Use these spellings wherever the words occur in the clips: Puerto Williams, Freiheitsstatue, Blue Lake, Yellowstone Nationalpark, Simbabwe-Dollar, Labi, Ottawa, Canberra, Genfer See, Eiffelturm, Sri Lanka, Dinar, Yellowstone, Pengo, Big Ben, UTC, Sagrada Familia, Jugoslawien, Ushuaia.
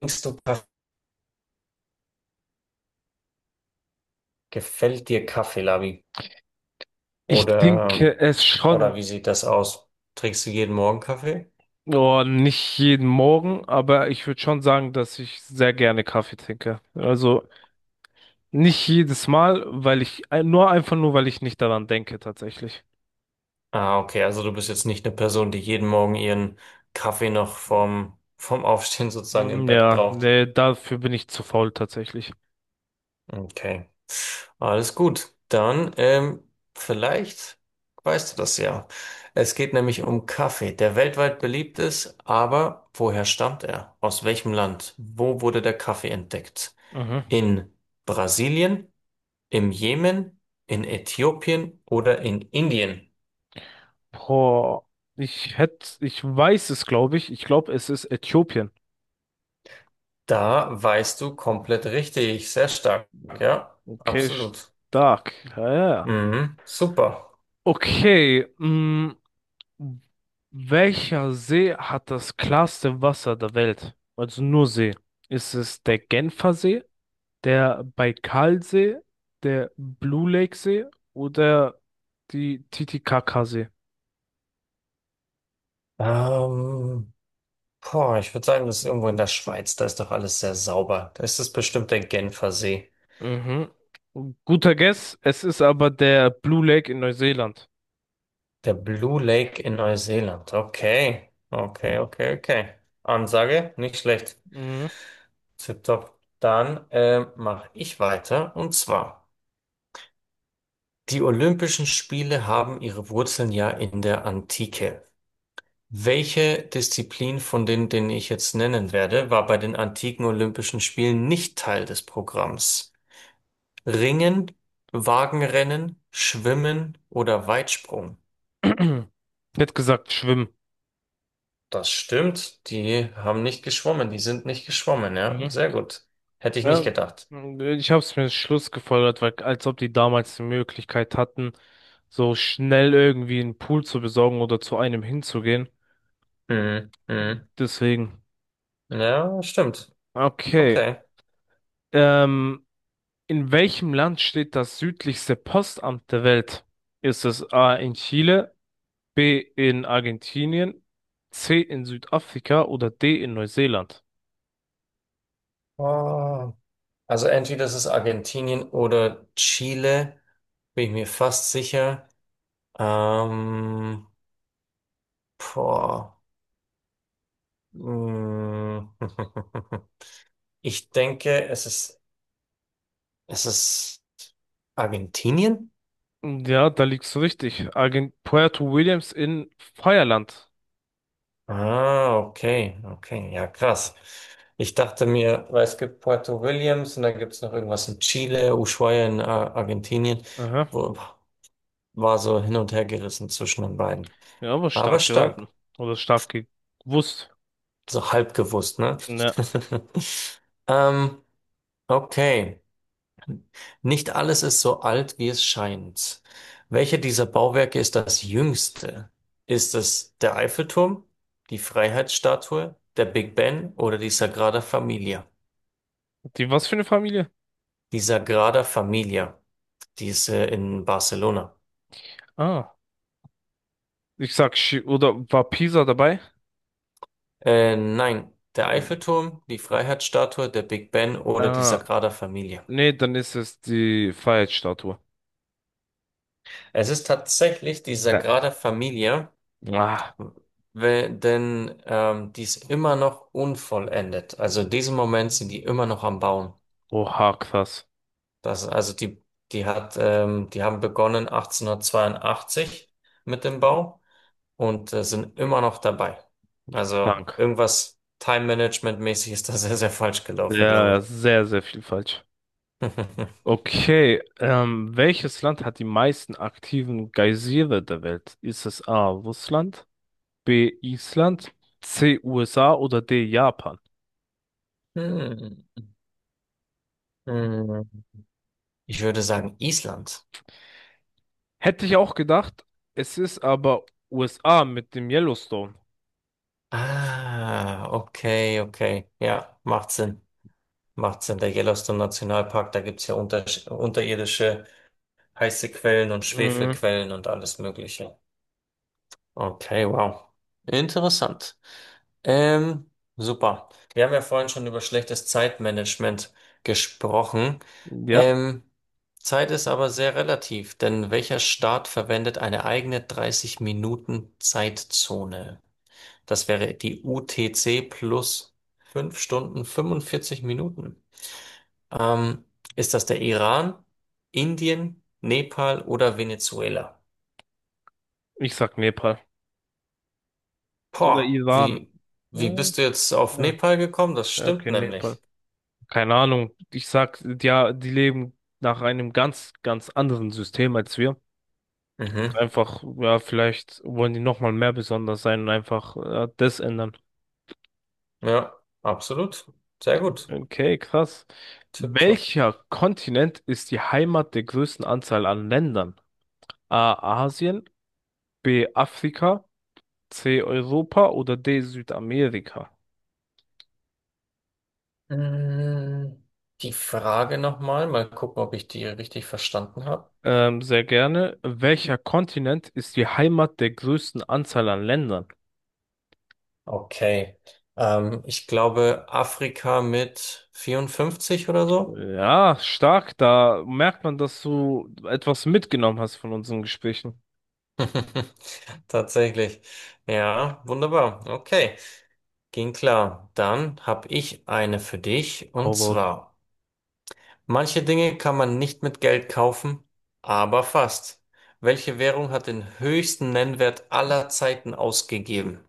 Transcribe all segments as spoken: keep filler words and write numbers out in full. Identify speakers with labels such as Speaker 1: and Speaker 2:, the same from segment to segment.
Speaker 1: Trinkst du Kaffee? Gefällt dir Kaffee, Labi?
Speaker 2: Ich
Speaker 1: Oder,
Speaker 2: denke es
Speaker 1: oder
Speaker 2: schon.
Speaker 1: wie sieht das aus? Trinkst du jeden Morgen Kaffee?
Speaker 2: Oh, nicht jeden Morgen, aber ich würde schon sagen, dass ich sehr gerne Kaffee trinke. Also nicht jedes Mal, weil ich, äh, nur, einfach nur, weil ich nicht daran denke, tatsächlich.
Speaker 1: Ah, okay, also du bist jetzt nicht eine Person, die jeden Morgen ihren Kaffee noch vom, vom Aufstehen sozusagen im
Speaker 2: Ähm,
Speaker 1: Bett
Speaker 2: Ja,
Speaker 1: braucht.
Speaker 2: nee, dafür bin ich zu faul, tatsächlich.
Speaker 1: Okay, alles gut. Dann, ähm, vielleicht weißt du das ja. Es geht nämlich um Kaffee, der weltweit beliebt ist, aber woher stammt er? Aus welchem Land? Wo wurde der Kaffee entdeckt?
Speaker 2: Mhm.
Speaker 1: In Brasilien? Im Jemen, in Äthiopien oder in Indien?
Speaker 2: Boah, ich hätte, ich weiß es, glaube ich. Ich glaube, es ist Äthiopien.
Speaker 1: Da weißt du komplett richtig. Sehr stark. Ja,
Speaker 2: Okay,
Speaker 1: absolut.
Speaker 2: stark. Ja, ja, ja.
Speaker 1: Mhm, super.
Speaker 2: Okay, mm, welcher See hat das klarste Wasser der Welt? Also nur See. Ist es der Genfer See, der Baikalsee, der Blue Lake See oder die Titicacasee?
Speaker 1: Ähm, boah, ich würde sagen, das ist irgendwo in der Schweiz. Da ist doch alles sehr sauber. Da ist es bestimmt der Genfer See.
Speaker 2: Mhm. Guter Guess, es ist aber der Blue Lake in Neuseeland.
Speaker 1: Der Blue Lake in Neuseeland. Okay. Okay, okay, okay. Ansage, nicht schlecht.
Speaker 2: Mhm.
Speaker 1: Tipptopp. Dann äh, mache ich weiter. Und zwar, die Olympischen Spiele haben ihre Wurzeln ja in der Antike. Welche Disziplin von denen, denen ich jetzt nennen werde, war bei den antiken Olympischen Spielen nicht Teil des Programms? Ringen, Wagenrennen, Schwimmen oder Weitsprung?
Speaker 2: Ich hätte gesagt, schwimmen.
Speaker 1: Das stimmt, die haben nicht geschwommen, die sind nicht geschwommen, ja,
Speaker 2: Mhm.
Speaker 1: sehr gut. Hätte ich nicht
Speaker 2: Ja,
Speaker 1: gedacht.
Speaker 2: ich habe es mir Schluss gefolgert, weil als ob die damals die Möglichkeit hatten, so schnell irgendwie einen Pool zu besorgen oder zu einem hinzugehen.
Speaker 1: Mhm. Mhm.
Speaker 2: Deswegen.
Speaker 1: Ja, stimmt.
Speaker 2: Okay.
Speaker 1: Okay.
Speaker 2: Ähm, in welchem Land steht das südlichste Postamt der Welt? Ist es A in Chile, B in Argentinien, C in Südafrika oder D in Neuseeland?
Speaker 1: Ah. Also entweder ist es Argentinien oder Chile, bin ich mir fast sicher. Ähm, boah. Mm. Ich denke, es ist, es ist Argentinien?
Speaker 2: Ja, da liegst du richtig. Argent Puerto Williams in Feierland.
Speaker 1: Ah, okay, okay, ja, krass. Ich dachte mir, weil es gibt Puerto Williams und dann gibt es noch irgendwas in Chile, Ushuaia in äh, Argentinien,
Speaker 2: Aha.
Speaker 1: wo war so hin und her gerissen zwischen den beiden.
Speaker 2: Ja, aber
Speaker 1: Aber
Speaker 2: stark
Speaker 1: stark.
Speaker 2: geraten. Oder stark gewusst.
Speaker 1: So halb gewusst, ne?
Speaker 2: Ne.
Speaker 1: Ähm, okay. Nicht alles ist so alt, wie es scheint. Welche dieser Bauwerke ist das jüngste? Ist es der Eiffelturm, die Freiheitsstatue, der Big Ben oder die Sagrada Familia?
Speaker 2: Die was für eine Familie?
Speaker 1: Die Sagrada Familia, die ist äh, in Barcelona.
Speaker 2: Ah, ich sag, Sch- oder war Pisa dabei?
Speaker 1: Äh, nein, der
Speaker 2: Ähm,
Speaker 1: Eiffelturm, die Freiheitsstatue, der Big Ben oder die
Speaker 2: Ah,
Speaker 1: Sagrada Familia.
Speaker 2: Nee, dann ist es die Freiheitsstatue.
Speaker 1: Es ist tatsächlich die
Speaker 2: Da.
Speaker 1: Sagrada Familia.
Speaker 2: Ah,
Speaker 1: we- denn ähm, die ist immer noch unvollendet. Also in diesem Moment sind die immer noch am Bauen.
Speaker 2: oha, krass.
Speaker 1: Das, also die, die hat, ähm, die haben begonnen achtzehnhundertzweiundachtzig mit dem Bau und äh, sind immer noch dabei. Also
Speaker 2: Krank.
Speaker 1: irgendwas Time-Management-mäßig ist da sehr, sehr falsch gelaufen, glaube
Speaker 2: Ja, ja,
Speaker 1: ich.
Speaker 2: sehr, sehr viel falsch. Okay, ähm, welches Land hat die meisten aktiven Geysire der Welt? Ist es A, Russland, B, Island, C, U S A oder D, Japan?
Speaker 1: Hm. Hm. Ich würde sagen Island.
Speaker 2: Hätte ich auch gedacht. Es ist aber U S A mit dem Yellowstone.
Speaker 1: Ah, okay, okay. Ja, macht Sinn. Macht Sinn. Der Yellowstone Nationalpark, da gibt's ja unter unterirdische heiße Quellen und
Speaker 2: Mhm.
Speaker 1: Schwefelquellen und alles Mögliche. Okay, wow. Interessant. Ähm, super. Wir haben ja vorhin schon über schlechtes Zeitmanagement gesprochen.
Speaker 2: Ja,
Speaker 1: Ähm, Zeit ist aber sehr relativ, denn welcher Staat verwendet eine eigene dreißig Minuten Zeitzone? Das wäre die U T C plus fünf Stunden fünfundvierzig Minuten. Ähm, ist das der Iran, Indien, Nepal oder Venezuela?
Speaker 2: ich sag Nepal. Oder
Speaker 1: Boah,
Speaker 2: Iran.
Speaker 1: wie, wie
Speaker 2: Mhm.
Speaker 1: bist du jetzt auf
Speaker 2: Ja,
Speaker 1: Nepal gekommen? Das
Speaker 2: ja,
Speaker 1: stimmt
Speaker 2: okay,
Speaker 1: nämlich.
Speaker 2: Nepal. Keine Ahnung. Ich sag, ja, die leben nach einem ganz, ganz anderen System als wir. Und
Speaker 1: Mhm.
Speaker 2: einfach, ja, vielleicht wollen die nochmal mehr besonders sein und einfach äh, das ändern.
Speaker 1: Ja, absolut. Sehr gut.
Speaker 2: Okay, krass.
Speaker 1: Tipptopp.
Speaker 2: Welcher Kontinent ist die Heimat der größten Anzahl an Ländern? A, Asien, B, Afrika, C, Europa oder D, Südamerika?
Speaker 1: Mm, Die Frage nochmal, mal Mal gucken, ob ich die richtig verstanden habe.
Speaker 2: Ähm, sehr gerne. Welcher Kontinent ist die Heimat der größten Anzahl an Ländern?
Speaker 1: Okay. Ähm, ich glaube Afrika mit vierundfünfzig oder so.
Speaker 2: Ja, stark. Da merkt man, dass du etwas mitgenommen hast von unseren Gesprächen.
Speaker 1: Tatsächlich. Ja, wunderbar. Okay. Ging klar. Dann habe ich eine für dich,
Speaker 2: Hau
Speaker 1: und
Speaker 2: raus.
Speaker 1: zwar, manche Dinge kann man nicht mit Geld kaufen, aber fast. Welche Währung hat den höchsten Nennwert aller Zeiten ausgegeben?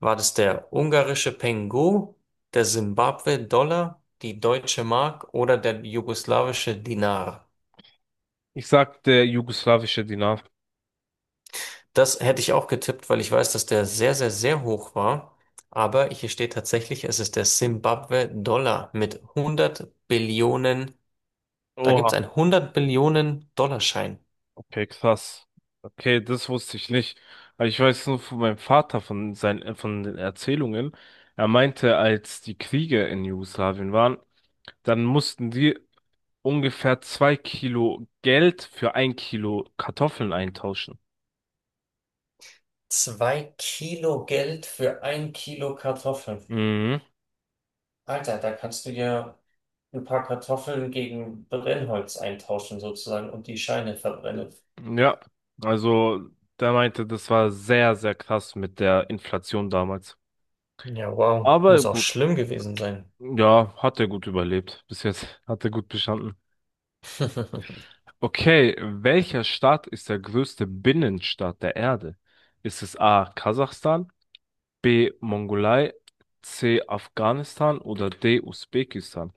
Speaker 1: War das der ungarische Pengo, der Simbabwe-Dollar, die deutsche Mark oder der jugoslawische Dinar?
Speaker 2: Ich sag der jugoslawische Dinar.
Speaker 1: Das hätte ich auch getippt, weil ich weiß, dass der sehr, sehr, sehr hoch war. Aber hier steht tatsächlich, es ist der Simbabwe-Dollar mit hundert Billionen. Da gibt's
Speaker 2: Oha,
Speaker 1: einen hundert Billionen Dollarschein.
Speaker 2: okay, krass. Okay, das wusste ich nicht. Aber ich weiß nur von meinem Vater, von seinen, von den Erzählungen. Er meinte, als die Kriege in Jugoslawien waren, dann mussten die ungefähr zwei Kilo Geld für ein Kilo Kartoffeln eintauschen.
Speaker 1: Zwei Kilo Geld für ein Kilo Kartoffeln.
Speaker 2: Mhm.
Speaker 1: Alter, da kannst du ja ein paar Kartoffeln gegen Brennholz eintauschen sozusagen und die Scheine verbrennen.
Speaker 2: Ja, also der meinte, das war sehr, sehr krass mit der Inflation damals.
Speaker 1: Ja, wow.
Speaker 2: Aber
Speaker 1: Muss auch
Speaker 2: gut,
Speaker 1: schlimm gewesen sein.
Speaker 2: ja, hat er gut überlebt. Bis jetzt hat er gut bestanden. Okay, welcher Staat ist der größte Binnenstaat der Erde? Ist es A, Kasachstan, B, Mongolei, C, Afghanistan oder D, Usbekistan?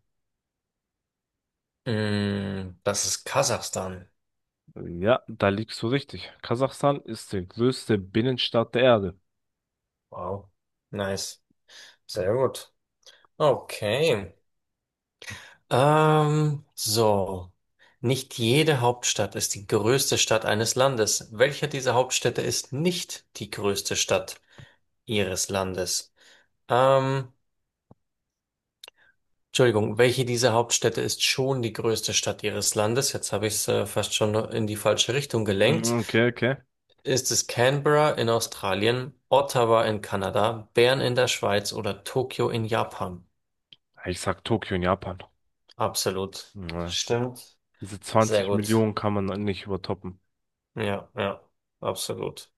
Speaker 1: Mm, das ist Kasachstan.
Speaker 2: Ja, da liegst du richtig. Kasachstan ist die größte Binnenstadt der Erde.
Speaker 1: Wow. Nice. Sehr gut. Okay. Ähm, so. Nicht jede Hauptstadt ist die größte Stadt eines Landes. Welche dieser Hauptstädte ist nicht die größte Stadt ihres Landes? Ähm, Entschuldigung, welche dieser Hauptstädte ist schon die größte Stadt ihres Landes? Jetzt habe ich es äh, fast schon in die falsche Richtung gelenkt.
Speaker 2: Mhm. Okay, okay.
Speaker 1: Ist es Canberra in Australien, Ottawa in Kanada, Bern in der Schweiz oder Tokio in Japan?
Speaker 2: Ich sag Tokio in Japan.
Speaker 1: Absolut.
Speaker 2: Ja.
Speaker 1: Stimmt.
Speaker 2: Diese
Speaker 1: Sehr
Speaker 2: zwanzig
Speaker 1: gut.
Speaker 2: Millionen kann man nicht übertoppen.
Speaker 1: Ja, ja, absolut.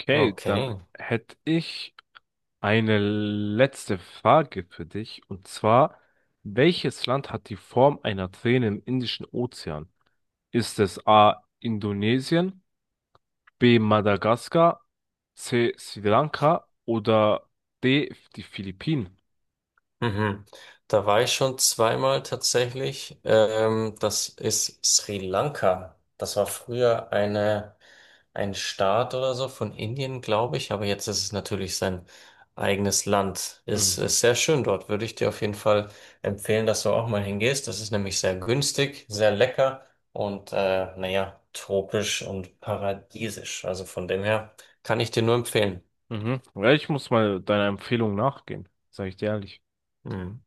Speaker 2: Okay, dann
Speaker 1: Okay.
Speaker 2: hätte ich eine letzte Frage für dich. Und zwar, welches Land hat die Form einer Träne im Indischen Ozean? Ist es A, Indonesien, B, Madagaskar, C, Sri Lanka oder D, die Philippinen?
Speaker 1: Mhm. Da war ich schon zweimal tatsächlich. Ähm, das ist Sri Lanka. Das war früher eine, ein Staat oder so von Indien, glaube ich. Aber jetzt ist es natürlich sein eigenes Land. Ist,
Speaker 2: Mhm.
Speaker 1: ist sehr schön dort. Würde ich dir auf jeden Fall empfehlen, dass du auch mal hingehst. Das ist nämlich sehr günstig, sehr lecker und äh, naja, tropisch und paradiesisch. Also von dem her kann ich dir nur empfehlen.
Speaker 2: Mhm. Ja, ich muss mal deiner Empfehlung nachgehen, sage ich dir ehrlich.
Speaker 1: Mhm.